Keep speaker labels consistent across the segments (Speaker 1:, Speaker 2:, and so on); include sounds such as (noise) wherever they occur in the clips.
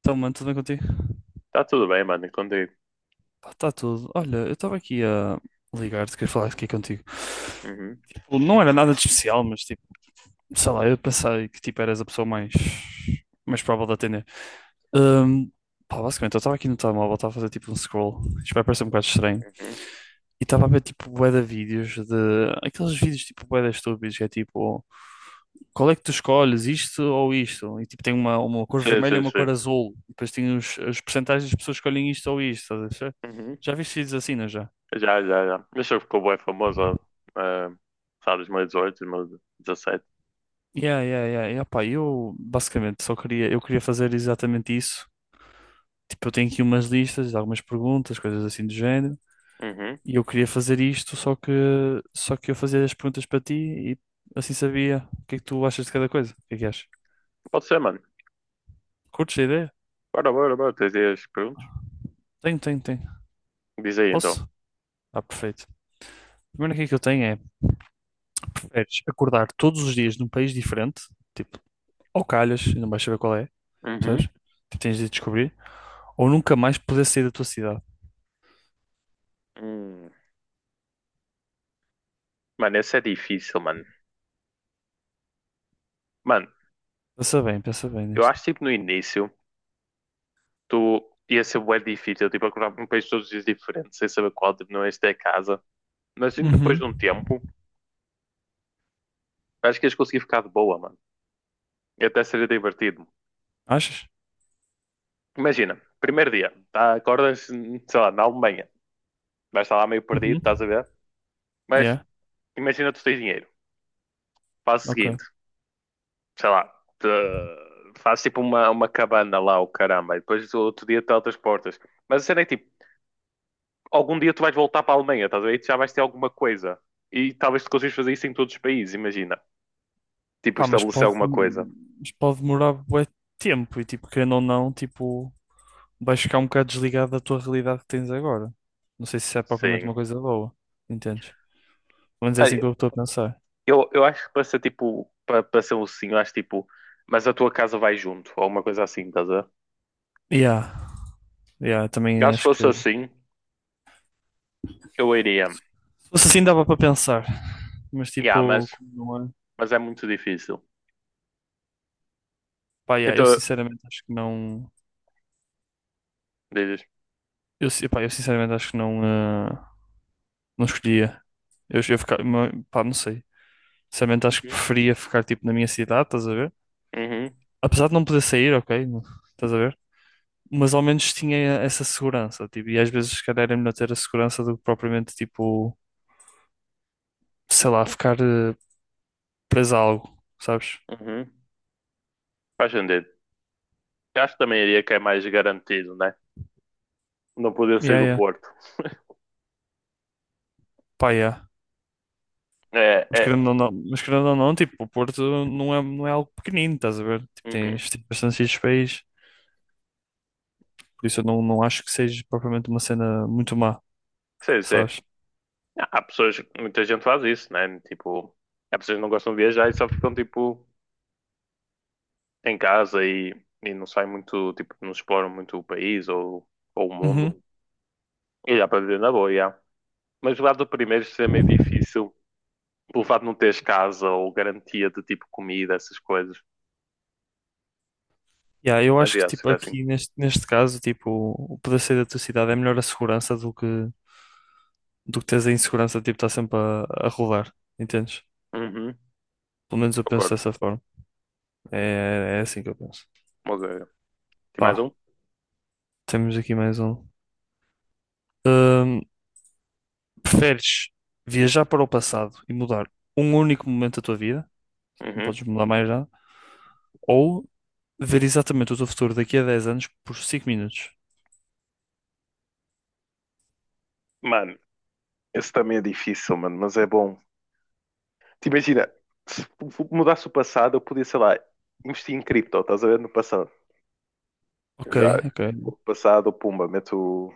Speaker 1: Então, mano, tudo bem contigo?
Speaker 2: Tá tudo bem, mano, e contigo.
Speaker 1: Está tudo. Olha, eu estava aqui a ligar-te, queria falar aqui contigo.
Speaker 2: Uhum,
Speaker 1: Tipo, não era nada de especial, mas tipo, sei lá, eu pensei que tipo eras a pessoa mais provável de atender. Hum, pá, basicamente, eu estava aqui no telemóvel, estava a fazer tipo um scroll, isto vai parecer um bocado estranho,
Speaker 2: uhum.
Speaker 1: e estava a ver tipo bué de vídeos de, aqueles vídeos tipo bué de estúpidos, que é tipo, qual é que tu escolhes, isto ou isto? E tipo, tem uma cor
Speaker 2: Sim,
Speaker 1: vermelha e
Speaker 2: sim,
Speaker 1: uma
Speaker 2: sim.
Speaker 1: cor azul, e depois tem as percentagens das pessoas que escolhem isto ou isto, estás a ver?
Speaker 2: Uhum.
Speaker 1: Já viste vídeos assim, não é já?
Speaker 2: Já, já, já. Mas eu ficou bem famoso, uh, sabe, 2018, 2017.
Speaker 1: Yeah, yeah, yeah. E, opá, eu basicamente só queria, eu queria fazer exatamente isso. Tipo, eu tenho aqui umas listas, algumas perguntas, coisas assim do género.
Speaker 2: Uhum.
Speaker 1: E eu queria fazer isto, só que eu fazia as perguntas para ti e assim sabia o que é que tu achas de cada coisa. O que é que achas?
Speaker 2: Pode ser, mano.
Speaker 1: Curtes a ideia?
Speaker 2: Bora, bora, bora. Tens aí as perguntas?
Speaker 1: Tenho, tenho, tenho.
Speaker 2: Diz aí, então.
Speaker 1: Posso? Ah, perfeito. A primeira que é que eu tenho é, preferes acordar todos os dias num país diferente, tipo, ou calhas, e não vais saber qual é, percebes?
Speaker 2: Uhum.
Speaker 1: Tipo, tens de descobrir, ou nunca mais poder sair da tua cidade.
Speaker 2: Hum. Mano, essa é difícil, mano. Mano,
Speaker 1: Pensa bem
Speaker 2: eu
Speaker 1: neste.
Speaker 2: acho, tipo, no início, tu ia ser bué difícil, tipo, acordar para um país todos os dias diferente, sem saber qual, tipo, não é este é a casa. Mas, assim, depois
Speaker 1: Uhum.
Speaker 2: de um tempo, acho que ias conseguir ficar de boa, mano. E até seria divertido.
Speaker 1: Achas?
Speaker 2: Imagina, primeiro dia, tá, acordas, sei lá, na Alemanha, vais estar lá meio perdido, estás a
Speaker 1: Uhum.
Speaker 2: ver? Mas
Speaker 1: Yeah,
Speaker 2: imagina tu tens dinheiro, faz o
Speaker 1: ok.
Speaker 2: seguinte, sei lá, te, faz tipo uma cabana lá, o caramba, e depois o outro dia teletransportas. Mas a cena é que, tipo, algum dia tu vais voltar para a Alemanha, estás a ver? E tu já vais ter alguma coisa. E talvez tu consigas fazer isso em todos os países, imagina. Tipo,
Speaker 1: Ah, mas
Speaker 2: estabelecer
Speaker 1: pode,
Speaker 2: alguma coisa.
Speaker 1: mas pode demorar bué tempo e tipo, querendo ou não, tipo, vais ficar um bocado desligado da tua realidade que tens agora. Não sei se isso é propriamente
Speaker 2: Sim.
Speaker 1: uma coisa boa, entendes? Pelo menos é assim
Speaker 2: Olha,
Speaker 1: que eu estou a pensar.
Speaker 2: eu acho que para ser tipo, para ser um sim, eu acho tipo, mas a tua casa vai junto, ou alguma coisa assim, estás a ver?
Speaker 1: Yeah, yeah,
Speaker 2: Eu
Speaker 1: também
Speaker 2: acho que
Speaker 1: acho que
Speaker 2: fosse assim, eu iria.
Speaker 1: se fosse assim dava para pensar, mas
Speaker 2: Yeah,
Speaker 1: tipo,
Speaker 2: mas,
Speaker 1: como não é?
Speaker 2: mas é muito difícil.
Speaker 1: Pá, yeah, eu
Speaker 2: Então,
Speaker 1: sinceramente acho que não.
Speaker 2: dizes.
Speaker 1: Pá, eu sinceramente acho que não, não escolhia. Eu ficar, pá, não sei. Sinceramente, acho que
Speaker 2: Uhum,
Speaker 1: preferia ficar tipo na minha cidade, estás a ver?
Speaker 2: uhum,
Speaker 1: Apesar de não poder sair, ok, estás a ver? Mas ao menos tinha essa segurança, tipo, e às vezes, se calhar, é melhor ter a segurança do que propriamente, tipo, sei lá, ficar preso a algo, sabes?
Speaker 2: uhum. Faz sentido. Eu acho que também iria que é mais garantido, né? Não poder sair
Speaker 1: Yeah,
Speaker 2: do
Speaker 1: yeah.
Speaker 2: Porto.
Speaker 1: Pá, yeah.
Speaker 2: É,
Speaker 1: Mas
Speaker 2: é.
Speaker 1: querendo ou não, mas querendo ou não, tipo, o Porto não é algo pequenino, estás a ver? Tipo,
Speaker 2: Uhum.
Speaker 1: tens bastantes países, por isso eu não acho que seja propriamente uma cena muito má,
Speaker 2: Sim, sim.
Speaker 1: sabes?
Speaker 2: Ah, há pessoas, muita gente faz isso, né? Tipo, há pessoas que não gostam de viajar e só ficam, tipo, em casa e não saem muito, tipo, não exploram muito o país ou o mundo.
Speaker 1: Uhum,
Speaker 2: E dá para viver na boa, yeah. Mas o lado do primeiro seria meio difícil pelo fato de não teres casa ou garantia de tipo comida, essas coisas.
Speaker 1: yeah, eu
Speaker 2: Mas
Speaker 1: acho que
Speaker 2: yeah,
Speaker 1: tipo
Speaker 2: seria assim.
Speaker 1: aqui neste caso tipo o poder sair da tua cidade é melhor a segurança do que teres a insegurança tipo estar sempre a rodar, entendes?
Speaker 2: Uhum,
Speaker 1: Pelo menos eu penso
Speaker 2: concordo.
Speaker 1: dessa forma. É, é assim que eu penso.
Speaker 2: Mas, tem mais
Speaker 1: Pá,
Speaker 2: um?
Speaker 1: temos aqui mais um. Hum, preferes viajar para o passado e mudar um único momento da tua vida, não
Speaker 2: Uhum.
Speaker 1: podes mudar mais nada, ou ver exatamente o teu futuro daqui a 10 anos por 5 minutos?
Speaker 2: Mano, esse também é difícil, mano, mas é bom. Te imagina, se f- mudasse o passado, eu podia, sei lá, investir em cripto, estás a ver no passado. Eu
Speaker 1: Ok,
Speaker 2: já,
Speaker 1: ok.
Speaker 2: tipo, no passado, pumba, meto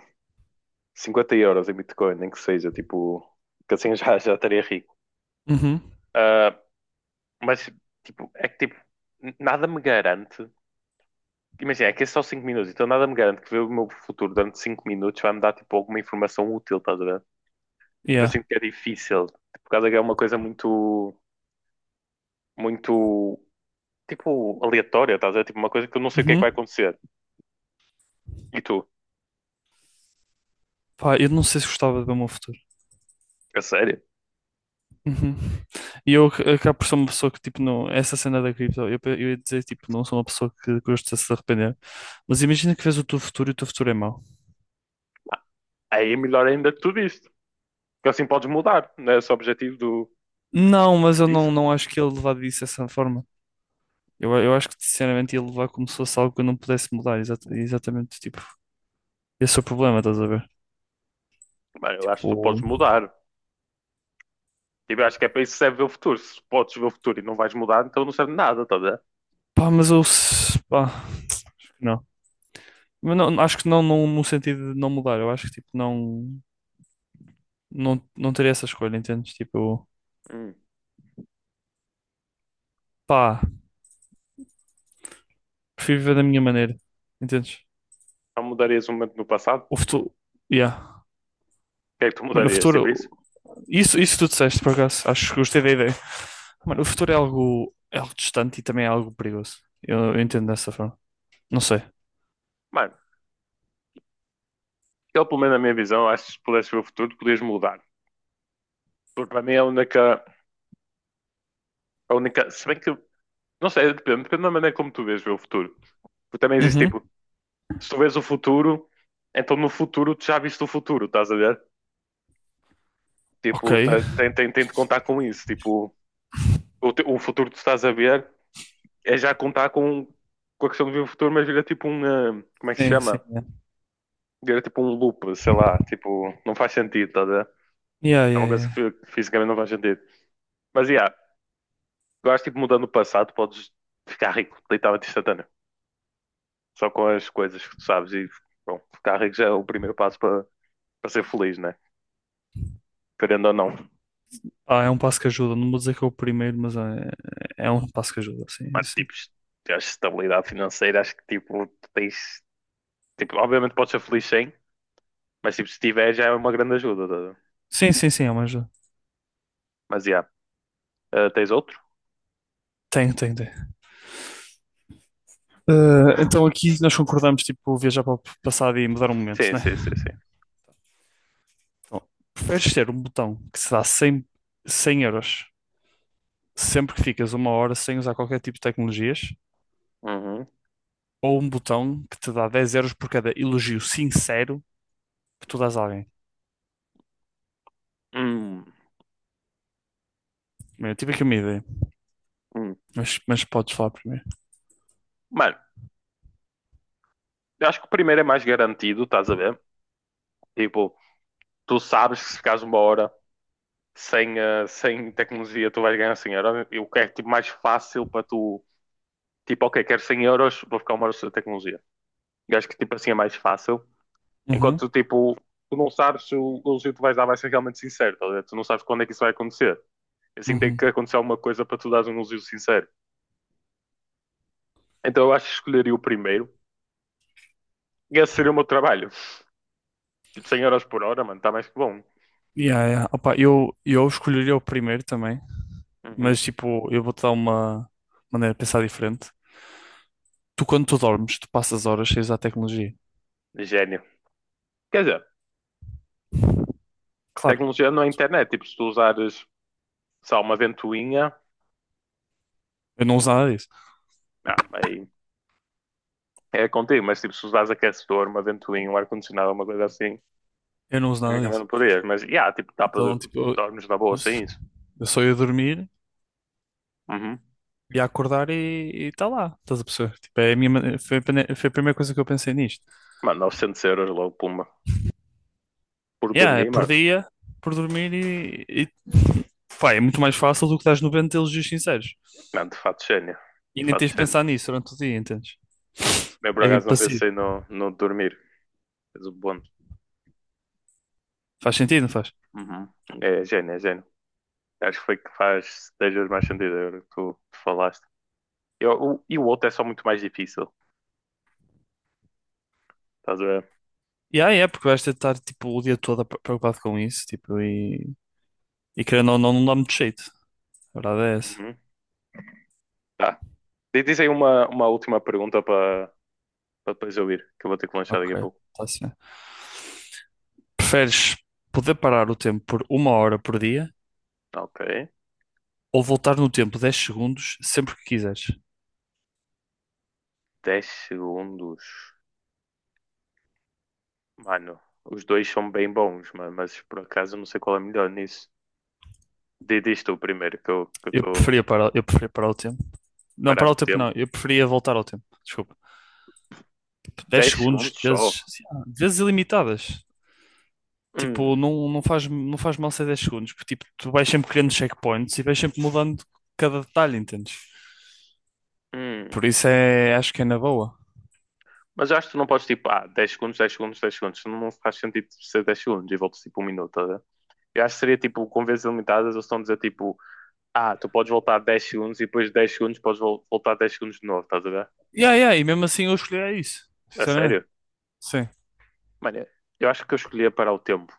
Speaker 2: 50 euros em Bitcoin, nem que seja, tipo, que assim já estaria rico.
Speaker 1: Uhum,
Speaker 2: Ah, mas, tipo, é que, tipo, nada me garante. Imagina, é que é só 5 minutos, então nada me garante que ver o meu futuro durante 5 minutos vai me dar tipo alguma informação útil, estás a ver? Tipo, eu
Speaker 1: yeah.
Speaker 2: sinto que é difícil, por causa que é uma coisa muito, muito, tipo, aleatória, estás a ver? Tipo, uma coisa que eu não sei o que é que vai
Speaker 1: Uhum.
Speaker 2: acontecer. E tu,
Speaker 1: Pá, eu não sei se gostava de ver o meu futuro.
Speaker 2: a sério?
Speaker 1: Uhum. E eu acabo por ser uma pessoa que, tipo, não. Essa cena da cripto, eu ia dizer, tipo, não sou uma pessoa que gosta de se arrepender. Mas imagina que vês o teu futuro e o teu futuro é mau.
Speaker 2: Aí é melhor ainda que tu diste, porque assim podes mudar, não é esse o objetivo do.
Speaker 1: Não, mas eu
Speaker 2: Isso?
Speaker 1: não, não acho que ele levar disso dessa forma. Eu acho que, sinceramente, ele levar como se fosse algo que eu não pudesse mudar. Exa- exatamente, tipo, esse é o problema, estás a ver?
Speaker 2: Bem, eu acho que tu podes
Speaker 1: Tipo,
Speaker 2: mudar. Tipo, eu acho que é para isso que serve ver o futuro. Se podes ver o futuro e não vais mudar, então não serve de nada, estás a ver?
Speaker 1: pá, mas eu, pá, acho que não. Mas não, acho que não, não no sentido de não mudar. Eu acho que, tipo, não teria essa escolha, entendes? Tipo,
Speaker 2: Hum.
Speaker 1: pá. Prefiro viver da minha maneira. Entendes?
Speaker 2: Não mudarias um momento no passado? O
Speaker 1: O futuro. Yeah.
Speaker 2: que é que tu
Speaker 1: Mano, o
Speaker 2: mudarias?
Speaker 1: futuro.
Speaker 2: Tipo isso?
Speaker 1: Isso tu disseste, por acaso. Acho que gostei da ideia. Mano, o futuro é algo distante e também é algo perigoso. Eu entendo dessa forma. Não sei.
Speaker 2: Mano, ele, pelo menos na minha visão, acho que se pudesse ver o futuro, podias mudar. Porque para mim é a única, a única. Se bem que. Não sei, depende da maneira como tu vês ver o futuro. Porque também existe
Speaker 1: Uhum.
Speaker 2: tipo, se tu vês o futuro, então no futuro tu já viste o futuro, estás a ver?
Speaker 1: Ok.
Speaker 2: Tipo, tem de contar com isso. Tipo, o futuro que tu estás a ver é já contar com a questão de ver o futuro, mas vira tipo um. Como é que se
Speaker 1: Sim, sim.
Speaker 2: chama?
Speaker 1: Yeah.
Speaker 2: Vira tipo um loop, sei lá. Tipo, não faz sentido, estás a ver?
Speaker 1: Yeah,
Speaker 2: É uma
Speaker 1: yeah,
Speaker 2: coisa que
Speaker 1: yeah.
Speaker 2: fisicamente não faz sentido. Mas, yeah, eu acho tipo, mudando o passado, podes ficar rico, literalmente instantâneo. Só com as coisas que tu sabes e, bom, ficar rico já é o primeiro passo para ser feliz, né? Querendo ou não.
Speaker 1: Ah, é um passo que ajuda. Não vou dizer que é o primeiro, mas é um passo que ajuda. Sim,
Speaker 2: Mas,
Speaker 1: sim.
Speaker 2: tipo, tens estabilidade financeira, acho que, tipo, tu tens... Tipo, obviamente podes ser feliz sem, mas, tipo, se tiver já é uma grande ajuda. Tá a
Speaker 1: Sim, sim, sim, é uma ajuda.
Speaker 2: Mas, já. Ah, tens outro?
Speaker 1: Tem, tem, tem. Ah, então aqui nós concordamos, tipo, viajar para o passado e mudar um momento,
Speaker 2: Sim,
Speaker 1: né?
Speaker 2: sim, sim, sim.
Speaker 1: Então, preferes ter um botão que se dá cem euros sempre que ficas 1 hora sem usar qualquer tipo de tecnologias
Speaker 2: Uhum.
Speaker 1: ou um botão que te dá 10 euros por cada elogio sincero que tu dás a alguém?
Speaker 2: Hum,
Speaker 1: Bem, eu tive aqui uma ideia,
Speaker 2: hum.
Speaker 1: mas podes falar primeiro.
Speaker 2: Mano, eu acho que o primeiro é mais garantido, estás a ver? Tipo, tu sabes que se ficares uma hora sem tecnologia tu vais ganhar 100 euros. O que é tipo, mais fácil para tu. Tipo, ok, quero 100 euros, vou ficar uma hora sem tecnologia. Eu acho que tipo assim é mais fácil.
Speaker 1: Uhum,
Speaker 2: Enquanto tipo, tu não sabes se o elogio que tu vais dar vai ser realmente sincero, tá tu não sabes quando é que isso vai acontecer. Assim tem que
Speaker 1: uhum.
Speaker 2: acontecer alguma coisa para tu dares um elogio sincero. Então eu acho que escolheria o primeiro e esse seria o meu trabalho. Tipo, 100 euros por hora, mano, está mais que bom.
Speaker 1: Yeah, yeah. Opa, eu escolheria o primeiro também,
Speaker 2: Uhum.
Speaker 1: mas tipo, eu vou-te dar uma maneira de pensar diferente. Tu, quando tu dormes, tu passas horas cheias à tecnologia.
Speaker 2: Gênio. Quer dizer,
Speaker 1: Claro,
Speaker 2: tecnologia não é internet. Tipo, se tu usares, sei lá, uma ventoinha,
Speaker 1: eu não uso nada disso.
Speaker 2: aí é contigo, mas tipo, se usares aquecedor, uma ventoinha, um ar-condicionado, uma coisa assim,
Speaker 1: Eu não uso nada
Speaker 2: tecnicamente
Speaker 1: disso.
Speaker 2: não podias. Mas, yeah, tipo,
Speaker 1: Então, tipo, eu,
Speaker 2: dormes na boa sem isso.
Speaker 1: eu só ia dormir,
Speaker 2: Uhum.
Speaker 1: ia acordar e está lá. Estás a perceber? Tipo, é a minha, foi, a foi a primeira coisa que eu pensei nisto.
Speaker 2: Mano, 900 euros logo, pumba. Por
Speaker 1: Yeah, é
Speaker 2: dormir,
Speaker 1: por
Speaker 2: mano.
Speaker 1: dia, por dormir e. (laughs) Pá, é muito mais fácil do que estás 90 elogios sinceros.
Speaker 2: Mano, de fato, gênio.
Speaker 1: E
Speaker 2: De
Speaker 1: nem
Speaker 2: fato,
Speaker 1: tens de
Speaker 2: gênio.
Speaker 1: pensar nisso durante o dia, entendes?
Speaker 2: Eu, por
Speaker 1: É
Speaker 2: acaso, não
Speaker 1: passivo.
Speaker 2: pensei no dormir. Mas o bônus.
Speaker 1: Faz sentido, não faz?
Speaker 2: Uhum. É gênio, é gênio. Acho que foi que faz 10 vezes mais sentido agora que tu falaste. E e o outro é só muito mais difícil. Estás a ver?
Speaker 1: E aí é, porque vais ter de estar tipo, o dia todo preocupado com isso, tipo, e querendo ou não, não dá muito jeito. A verdade é essa.
Speaker 2: Uhum. Tá. Diz aí uma última pergunta para depois eu ir, que eu vou ter que lanchar daqui
Speaker 1: Ok,
Speaker 2: a pouco.
Speaker 1: está assim. Preferes poder parar o tempo por 1 hora por dia
Speaker 2: Ok.
Speaker 1: ou voltar no tempo 10 segundos sempre que quiseres?
Speaker 2: Dez segundos. Mano, os dois são bem bons, mano, mas por acaso eu não sei qual é melhor nisso. Diz tu primeiro, que eu tô
Speaker 1: Eu preferia parar o tempo. Não, parar
Speaker 2: parado
Speaker 1: o
Speaker 2: o
Speaker 1: tempo
Speaker 2: tempo.
Speaker 1: não, eu preferia voltar ao tempo. Desculpa. dez
Speaker 2: 10
Speaker 1: segundos,
Speaker 2: segundos só.
Speaker 1: vezes ilimitadas.
Speaker 2: Hum,
Speaker 1: Tipo, não, não faz mal ser 10 segundos, porque tipo, tu vais sempre criando checkpoints e vais sempre mudando cada detalhe, entendes?
Speaker 2: hum.
Speaker 1: Por isso é, acho que é na boa.
Speaker 2: Mas eu acho que tu não podes tipo, 10 segundos, 10 segundos, dez segundos. Não faz sentido ser dez segundos e voltas tipo um minuto, tá? A ver? Eu acho que seria tipo, com vezes limitadas, eles estão a dizer tipo, tu podes voltar 10 segundos e depois de 10 segundos podes voltar 10 segundos de novo, estás a ver?
Speaker 1: Yeah, yeah, e mesmo assim eu escolheria isso,
Speaker 2: A
Speaker 1: sinceramente.
Speaker 2: sério?
Speaker 1: Sim.
Speaker 2: Mano, eu acho que eu escolhia parar o tempo.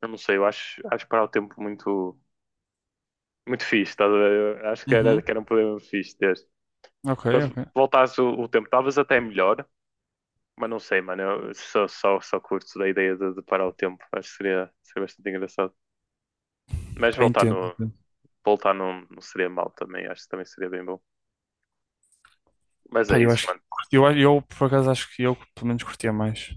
Speaker 2: Eu não sei, eu acho parar o tempo muito, muito fixe, estás a ver? Eu acho que era,
Speaker 1: Uhum.
Speaker 2: que era um problema fixe ter.
Speaker 1: Ok,
Speaker 2: Quando
Speaker 1: ok.
Speaker 2: voltasse o tempo, talvez até é melhor, mas não sei, mano. Eu só curto da ideia de parar o tempo. Acho que seria bastante engraçado. Mas
Speaker 1: Pá,
Speaker 2: voltar
Speaker 1: entendo.
Speaker 2: no. Voltar não, não seria mal também, acho que também seria bem bom. Mas
Speaker 1: Pá,
Speaker 2: é
Speaker 1: eu
Speaker 2: isso,
Speaker 1: acho
Speaker 2: mano.
Speaker 1: que eu por acaso acho que eu pelo menos curtia mais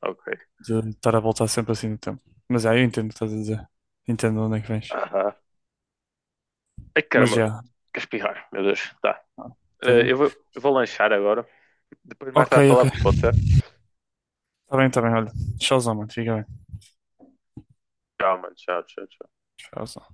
Speaker 2: Ok.
Speaker 1: de estar a voltar sempre assim no tempo. Mas já, eu entendo o que estás a dizer. Entendo onde é que vens.
Speaker 2: Aham. Ai,
Speaker 1: Mas
Speaker 2: caramba.
Speaker 1: já,
Speaker 2: Quer espirrar, meu Deus. Tá.
Speaker 1: ah, estás
Speaker 2: Eh,
Speaker 1: bem?
Speaker 2: eu vou, eu vou lanchar agora. Depois mais
Speaker 1: Ok,
Speaker 2: tarde
Speaker 1: ok.
Speaker 2: falamos, pode ser?
Speaker 1: Está bem, olha. Tchauzão, mano. Fica bem.
Speaker 2: Tchau, mano. Tchau, tchau, tchau.
Speaker 1: Tchauzão.